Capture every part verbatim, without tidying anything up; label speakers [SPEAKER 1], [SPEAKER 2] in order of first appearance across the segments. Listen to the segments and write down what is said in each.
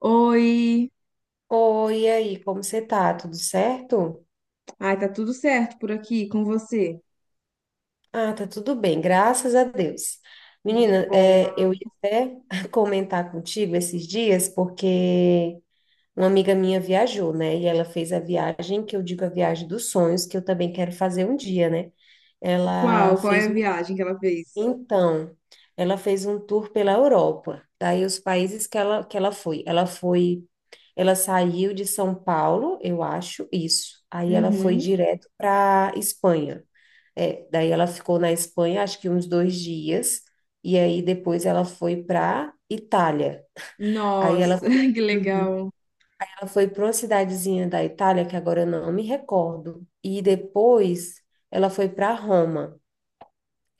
[SPEAKER 1] Oi!
[SPEAKER 2] Oi, e aí, como você tá? Tudo certo?
[SPEAKER 1] Ai, tá tudo certo por aqui com você?
[SPEAKER 2] Ah, tá tudo bem, graças a Deus.
[SPEAKER 1] Que
[SPEAKER 2] Menina,
[SPEAKER 1] bom.
[SPEAKER 2] é, eu ia até comentar contigo esses dias, porque uma amiga minha viajou, né? E ela fez a viagem, que eu digo a viagem dos sonhos, que eu também quero fazer um dia, né? Ela
[SPEAKER 1] Qual? Qual é
[SPEAKER 2] fez,
[SPEAKER 1] a
[SPEAKER 2] um-
[SPEAKER 1] viagem que ela fez?
[SPEAKER 2] então, ela fez um tour pela Europa, daí os países que ela, que ela foi. Ela foi Ela saiu de São Paulo, eu acho, isso. Aí ela foi
[SPEAKER 1] Uhum.
[SPEAKER 2] direto para Espanha. É, daí ela ficou na Espanha, acho que uns dois dias, e aí depois ela foi para Itália. Aí
[SPEAKER 1] Nossa,
[SPEAKER 2] ela foi,
[SPEAKER 1] que
[SPEAKER 2] Uhum.
[SPEAKER 1] legal.
[SPEAKER 2] Ela foi para uma cidadezinha da Itália, que agora eu não me recordo, e depois ela foi para Roma.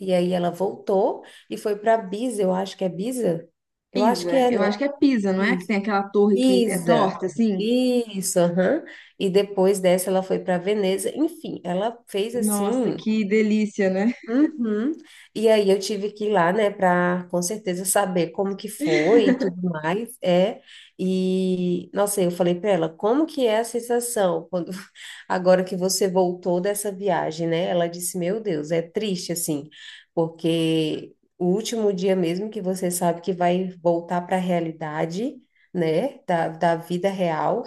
[SPEAKER 2] E aí ela voltou e foi para Pisa, eu acho que é Pisa? Eu acho que
[SPEAKER 1] Pisa,
[SPEAKER 2] é,
[SPEAKER 1] eu
[SPEAKER 2] né?
[SPEAKER 1] acho que é Pisa, não é? Que tem aquela torre que é
[SPEAKER 2] Isa,
[SPEAKER 1] torta, assim?
[SPEAKER 2] isso, aham. E depois dessa ela foi para Veneza. Enfim, ela fez
[SPEAKER 1] Nossa,
[SPEAKER 2] assim.
[SPEAKER 1] que delícia, né?
[SPEAKER 2] Uhum. E aí eu tive que ir lá, né, para com certeza saber como que foi e tudo mais, é. E nossa, eu falei para ela, como que é a sensação quando agora que você voltou dessa viagem, né? Ela disse, meu Deus, é triste assim, porque o último dia mesmo que você sabe que vai voltar para a realidade, né, da, da vida real,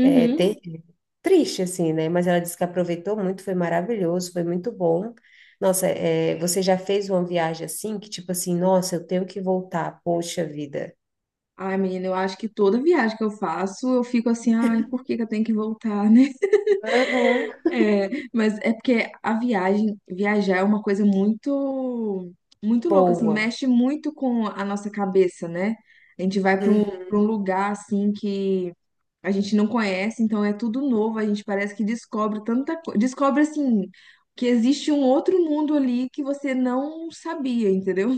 [SPEAKER 2] é ter triste, assim, né? Mas ela disse que aproveitou muito, foi maravilhoso, foi muito bom. Nossa, é, você já fez uma viagem assim, que tipo assim, nossa, eu tenho que voltar, poxa vida.
[SPEAKER 1] Ai, menina, eu acho que toda viagem que eu faço, eu fico assim, ai, por que que eu tenho que voltar, né?
[SPEAKER 2] Aham.
[SPEAKER 1] É, mas é porque a viagem, viajar é uma coisa muito, muito louca, assim, Hum.
[SPEAKER 2] Boa.
[SPEAKER 1] mexe muito com a nossa cabeça, né? A gente vai para um,
[SPEAKER 2] Uhum,
[SPEAKER 1] para um lugar, assim, que a gente não conhece, então é tudo novo, a gente parece que descobre tanta coisa, descobre, assim, que existe um outro mundo ali que você não sabia, entendeu?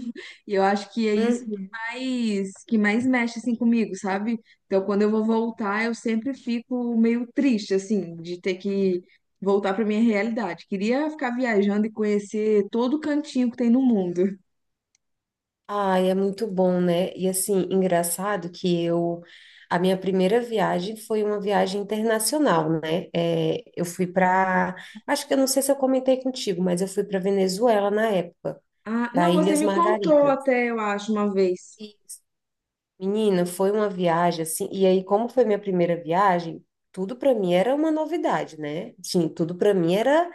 [SPEAKER 1] E eu acho que é isso que
[SPEAKER 2] uhum.
[SPEAKER 1] mais, que mais mexe, assim, comigo, sabe? Então, quando eu vou voltar, eu sempre fico meio triste, assim, de ter que voltar para minha realidade. Queria ficar viajando e conhecer todo o cantinho que tem no mundo.
[SPEAKER 2] Ai, é muito bom, né? E assim, engraçado que eu. A minha primeira viagem foi uma viagem internacional, né? É, eu fui para. Acho que eu não sei se eu comentei contigo, mas eu fui para Venezuela na época,
[SPEAKER 1] Ah,
[SPEAKER 2] para
[SPEAKER 1] não, você
[SPEAKER 2] Ilhas
[SPEAKER 1] me contou
[SPEAKER 2] Margaritas.
[SPEAKER 1] até, eu acho, uma vez.
[SPEAKER 2] Menina, foi uma viagem assim, e aí como foi minha primeira viagem, tudo para mim era uma novidade, né? Sim, tudo para mim era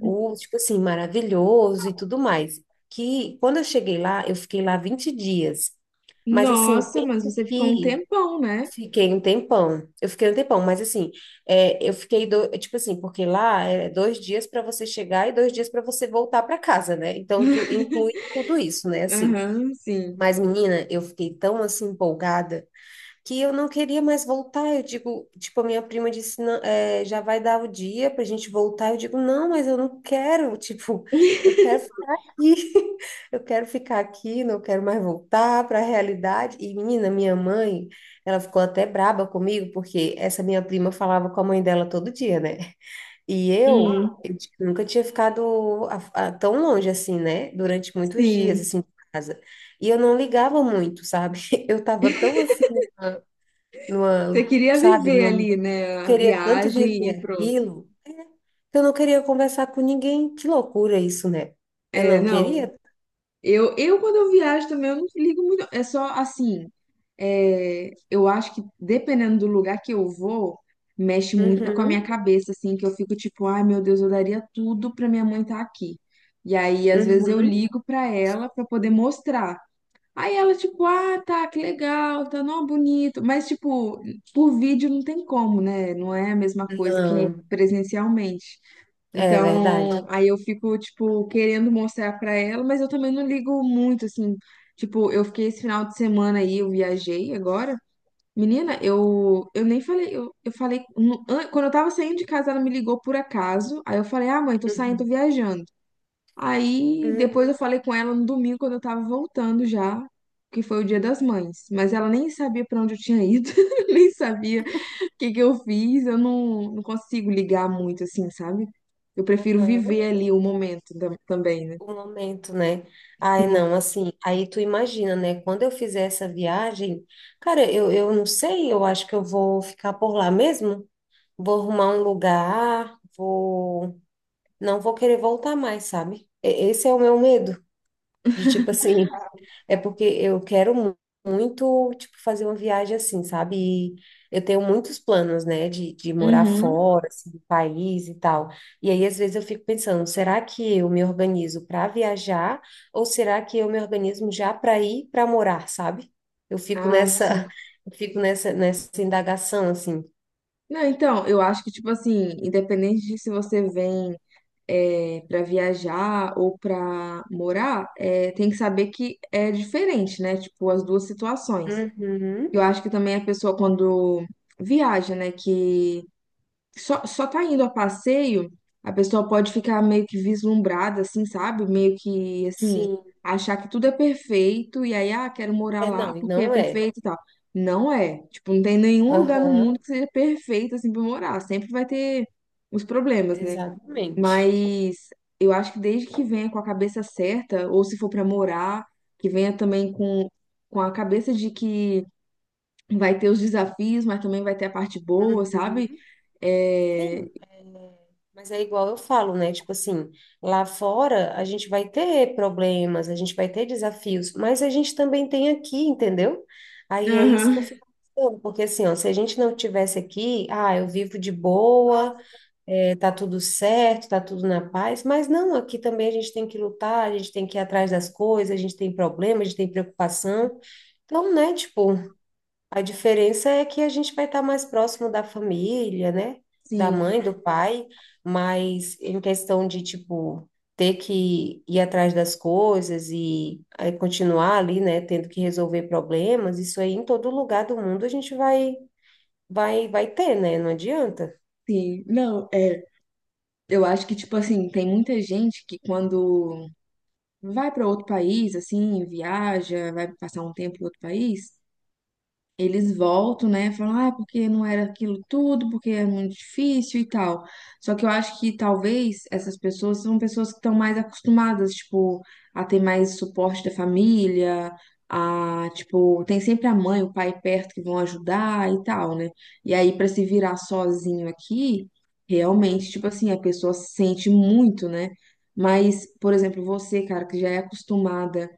[SPEAKER 2] o tipo assim maravilhoso e tudo mais. Que quando eu cheguei lá, eu fiquei lá vinte dias. Mas assim,
[SPEAKER 1] Nossa, mas
[SPEAKER 2] pensa
[SPEAKER 1] você ficou um
[SPEAKER 2] que
[SPEAKER 1] tempão, né?
[SPEAKER 2] fiquei um tempão. Eu fiquei um tempão, mas assim, é, eu fiquei do, tipo assim, porque lá é dois dias para você chegar e dois dias para você voltar para casa, né? Então tu inclui tudo isso, né? Assim.
[SPEAKER 1] Aham, sim.
[SPEAKER 2] Mas, menina, eu fiquei tão assim empolgada que eu não queria mais voltar. Eu digo, tipo, a minha prima disse, "Não, é, já vai dar o dia pra gente voltar. Eu digo, não, mas eu não quero, tipo, eu quero ficar aqui, eu quero ficar aqui, não quero mais voltar para a realidade. E menina, minha mãe, ela ficou até braba comigo, porque essa minha prima falava com a mãe dela todo dia, né? E eu,
[SPEAKER 1] Hum,
[SPEAKER 2] eu tipo, nunca tinha ficado a- a- tão longe assim, né? Durante muitos dias,
[SPEAKER 1] sim.
[SPEAKER 2] assim, de casa. E eu não ligava muito, sabe? Eu tava tão assim numa,
[SPEAKER 1] Você queria
[SPEAKER 2] sabe,
[SPEAKER 1] viver
[SPEAKER 2] numa,
[SPEAKER 1] ali,
[SPEAKER 2] eu
[SPEAKER 1] né? A
[SPEAKER 2] queria tanto
[SPEAKER 1] viagem e
[SPEAKER 2] viver
[SPEAKER 1] pronto.
[SPEAKER 2] aquilo, é, que eu não queria conversar com ninguém. Que loucura isso, né? Eu
[SPEAKER 1] É,
[SPEAKER 2] não
[SPEAKER 1] não.
[SPEAKER 2] queria.
[SPEAKER 1] Eu, eu, quando eu viajo também, eu não ligo muito. É só assim. É, eu acho que dependendo do lugar que eu vou, mexe muito com a minha
[SPEAKER 2] Uhum,
[SPEAKER 1] cabeça, assim, que eu fico tipo, ai meu Deus, eu daria tudo pra minha mãe estar aqui. E aí, às vezes, eu
[SPEAKER 2] uhum.
[SPEAKER 1] ligo pra ela pra poder mostrar. Aí ela, tipo, ah, tá, que legal, tá, não, bonito. Mas, tipo, por vídeo não tem como, né? Não é a mesma coisa que
[SPEAKER 2] Não,
[SPEAKER 1] presencialmente.
[SPEAKER 2] é verdade.
[SPEAKER 1] Então, aí eu fico, tipo, querendo mostrar pra ela, mas eu também não ligo muito, assim. Tipo, eu fiquei esse final de semana aí, eu viajei agora. Menina, eu, eu nem falei, eu, eu falei, no- an- quando eu tava saindo de casa, ela me ligou por acaso. Aí eu falei, ah, mãe, tô saindo, tô
[SPEAKER 2] Uhum.
[SPEAKER 1] viajando. Aí
[SPEAKER 2] Uhum.
[SPEAKER 1] depois eu falei com ela no domingo, quando eu tava voltando já, que foi o Dia das Mães. Mas ela nem sabia pra onde eu tinha ido, nem sabia o que que eu fiz. Eu não, não consigo ligar muito assim, sabe? Eu prefiro
[SPEAKER 2] Aham.
[SPEAKER 1] viver ali o momento tam- também, né?
[SPEAKER 2] O momento, né? Ai,
[SPEAKER 1] Sim.
[SPEAKER 2] não, assim, aí tu imagina, né? Quando eu fizer essa viagem, cara, eu, eu não sei, eu acho que eu vou ficar por lá mesmo. Vou arrumar um lugar, vou. Não vou querer voltar mais, sabe? E- Esse é o meu medo. De tipo assim, é porque eu quero mu- muito, tipo, fazer uma viagem assim, sabe? E eu tenho muitos planos, né, de, de morar
[SPEAKER 1] Uhum.
[SPEAKER 2] fora, assim, do país e tal. E aí, às vezes, eu fico pensando, será que eu me organizo para viajar ou será que eu me organizo já para ir para morar, sabe? Eu fico
[SPEAKER 1] Ah, sim.
[SPEAKER 2] nessa, eu fico nessa, nessa indagação, assim.
[SPEAKER 1] Não, então, eu acho que, tipo assim, independente de se você vem é, para viajar ou pra morar, é, tem que saber que é diferente, né? Tipo, as duas situações. Eu
[SPEAKER 2] Uhum,
[SPEAKER 1] acho que também a pessoa quando viaja, né, que só, só tá indo a passeio, a pessoa pode ficar meio que vislumbrada, assim, sabe? Meio que, assim,
[SPEAKER 2] sim.
[SPEAKER 1] achar que tudo é perfeito e aí, ah, quero morar
[SPEAKER 2] É,
[SPEAKER 1] lá
[SPEAKER 2] não, e
[SPEAKER 1] porque é
[SPEAKER 2] não é.
[SPEAKER 1] perfeito e tal. Não é. Tipo, não tem nenhum lugar no mundo
[SPEAKER 2] Aham,
[SPEAKER 1] que seja perfeito, assim, pra morar. Sempre vai ter os problemas, né?
[SPEAKER 2] exatamente.
[SPEAKER 1] Mas eu acho que desde que venha com a cabeça certa, ou se for pra morar, que venha também com, com a cabeça de que vai ter os desafios, mas também vai ter a parte boa, sabe?
[SPEAKER 2] Uhum.
[SPEAKER 1] É...
[SPEAKER 2] Sim, é, mas é igual eu falo, né? Tipo assim, lá fora a gente vai ter problemas, a gente vai ter desafios, mas a gente também tem aqui, entendeu? Aí é isso que eu
[SPEAKER 1] Aham.
[SPEAKER 2] fico pensando, porque assim, ó, se a gente não tivesse aqui, ah, eu vivo de boa, é, tá tudo certo, tá tudo na paz, mas não, aqui também a gente tem que lutar, a gente tem que ir atrás das coisas, a gente tem problema, a gente tem preocupação. Então, né, tipo. A diferença é que a gente vai estar mais próximo da família, né? Da
[SPEAKER 1] Sim,
[SPEAKER 2] mãe, do pai, mas em questão de, tipo, ter que ir atrás das coisas e aí continuar ali, né? Tendo que resolver problemas, isso aí em todo lugar do mundo a gente vai, vai, vai ter, né? Não adianta.
[SPEAKER 1] sim. Não, é, eu acho que, tipo assim, tem muita gente que quando vai para outro país, assim, viaja, vai passar um tempo em outro país, eles voltam, né? Falam, ah, porque não era aquilo tudo, porque é muito difícil e tal. Só que eu acho que talvez essas pessoas são pessoas que estão mais acostumadas, tipo, a ter mais suporte da família, a, tipo, tem sempre a mãe, o pai perto que vão ajudar e tal, né? E aí, pra se virar sozinho aqui, realmente,
[SPEAKER 2] Uhum.
[SPEAKER 1] tipo assim, a pessoa sente muito, né? Mas, por exemplo, você, cara, que já é acostumada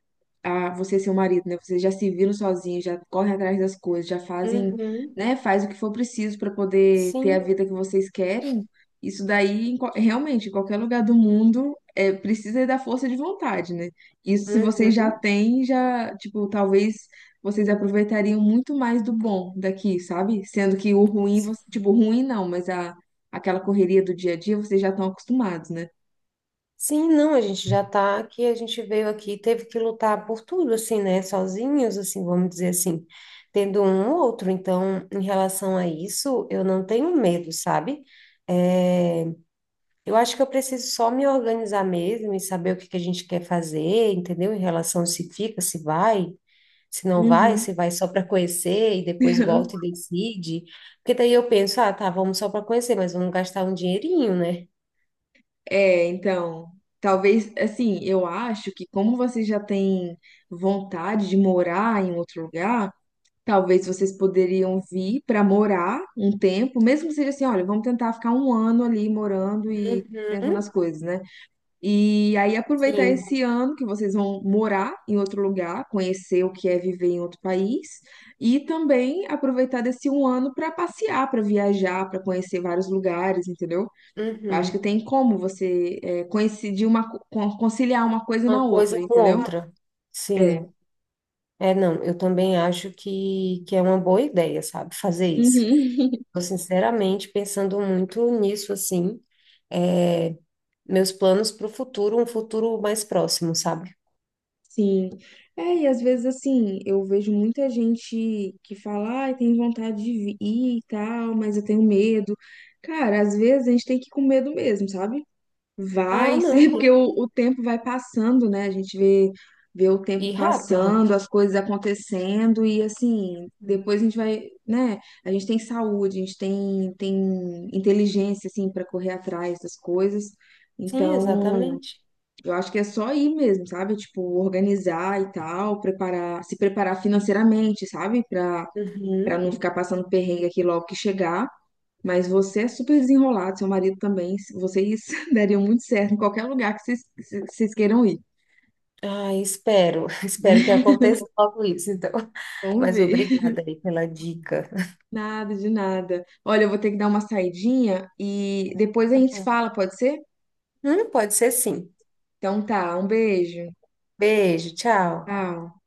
[SPEAKER 1] a você e seu marido, né? Vocês já se viram sozinhos, já correm atrás das coisas, já fazem,
[SPEAKER 2] Uhum.
[SPEAKER 1] né? Faz o que for preciso para poder ter a
[SPEAKER 2] Sim.
[SPEAKER 1] vida que vocês querem. Isso daí, em qual- realmente, em qualquer lugar do mundo, é, precisa da força de vontade, né? Isso, se vocês já
[SPEAKER 2] Uhum.
[SPEAKER 1] têm, já, tipo, talvez vocês aproveitariam muito mais do bom daqui, sabe? Sendo que o ruim, você- tipo, ruim não, mas a, aquela correria do dia a dia, vocês já estão acostumados, né?
[SPEAKER 2] Sim, não, a gente já tá aqui, a gente veio aqui, teve que lutar por tudo, assim, né? Sozinhos, assim, vamos dizer assim, tendo um ou outro. Então, em relação a isso, eu não tenho medo, sabe? É, eu acho que eu preciso só me organizar mesmo e saber o que que a gente quer fazer, entendeu? Em relação a se fica, se vai, se não vai,
[SPEAKER 1] Uhum.
[SPEAKER 2] se vai só para conhecer e depois volta e decide. Porque daí eu penso, ah, tá, vamos só para conhecer, mas vamos gastar um dinheirinho, né?
[SPEAKER 1] É, então, talvez, assim, eu acho que como vocês já têm vontade de morar em outro lugar, talvez vocês poderiam vir para morar um tempo, mesmo que seja assim, olha, vamos tentar ficar um ano ali morando e tentando as
[SPEAKER 2] Uhum,
[SPEAKER 1] coisas, né? E aí aproveitar
[SPEAKER 2] sim.
[SPEAKER 1] esse ano que vocês vão morar em outro lugar, conhecer o que é viver em outro país, e também aproveitar desse um ano para passear, para viajar, para conhecer vários lugares, entendeu? Eu acho que
[SPEAKER 2] Uhum.
[SPEAKER 1] tem como você é, coincidir uma, co- con- conciliar uma coisa
[SPEAKER 2] Uma
[SPEAKER 1] na outra,
[SPEAKER 2] coisa com
[SPEAKER 1] entendeu?
[SPEAKER 2] outra.
[SPEAKER 1] É.
[SPEAKER 2] Sim. É, não, eu também acho que, que é uma boa ideia, sabe, fazer isso.
[SPEAKER 1] Uhum.
[SPEAKER 2] Tô sinceramente pensando muito nisso, assim, é, meus planos para o futuro, um futuro mais próximo, sabe?
[SPEAKER 1] Sim. É, e às vezes assim, eu vejo muita gente que fala, ai, tem vontade de vi- ir e tal, mas eu tenho medo. Cara, às vezes a gente tem que ir com medo mesmo, sabe?
[SPEAKER 2] Ah,
[SPEAKER 1] Vai,
[SPEAKER 2] não,
[SPEAKER 1] sim,
[SPEAKER 2] tem
[SPEAKER 1] porque o,
[SPEAKER 2] que
[SPEAKER 1] o tempo vai passando, né? A gente vê, vê o tempo
[SPEAKER 2] ir rápido.
[SPEAKER 1] passando, as coisas acontecendo, e assim, depois a gente vai, né? A gente tem saúde, a gente tem, tem inteligência, assim, para correr atrás das coisas.
[SPEAKER 2] Sim,
[SPEAKER 1] Então,
[SPEAKER 2] exatamente.
[SPEAKER 1] eu acho que é só ir mesmo, sabe? Tipo, organizar e tal, preparar, se preparar financeiramente, sabe? Para para
[SPEAKER 2] Uhum.
[SPEAKER 1] não ficar passando perrengue aqui logo que chegar. Mas você é super desenrolado, seu marido também. se- Vocês dariam muito certo em qualquer lugar que vocês, que vocês queiram ir.
[SPEAKER 2] Ah, espero, espero que
[SPEAKER 1] Né?
[SPEAKER 2] aconteça logo isso, então.
[SPEAKER 1] Vamos
[SPEAKER 2] Mas
[SPEAKER 1] ver.
[SPEAKER 2] obrigada aí pela dica.
[SPEAKER 1] Nada de nada. Olha, eu vou ter que dar uma saidinha e depois a gente se fala, pode ser?
[SPEAKER 2] Hum, pode ser sim.
[SPEAKER 1] Então tá, um beijo.
[SPEAKER 2] Beijo, tchau.
[SPEAKER 1] Tchau.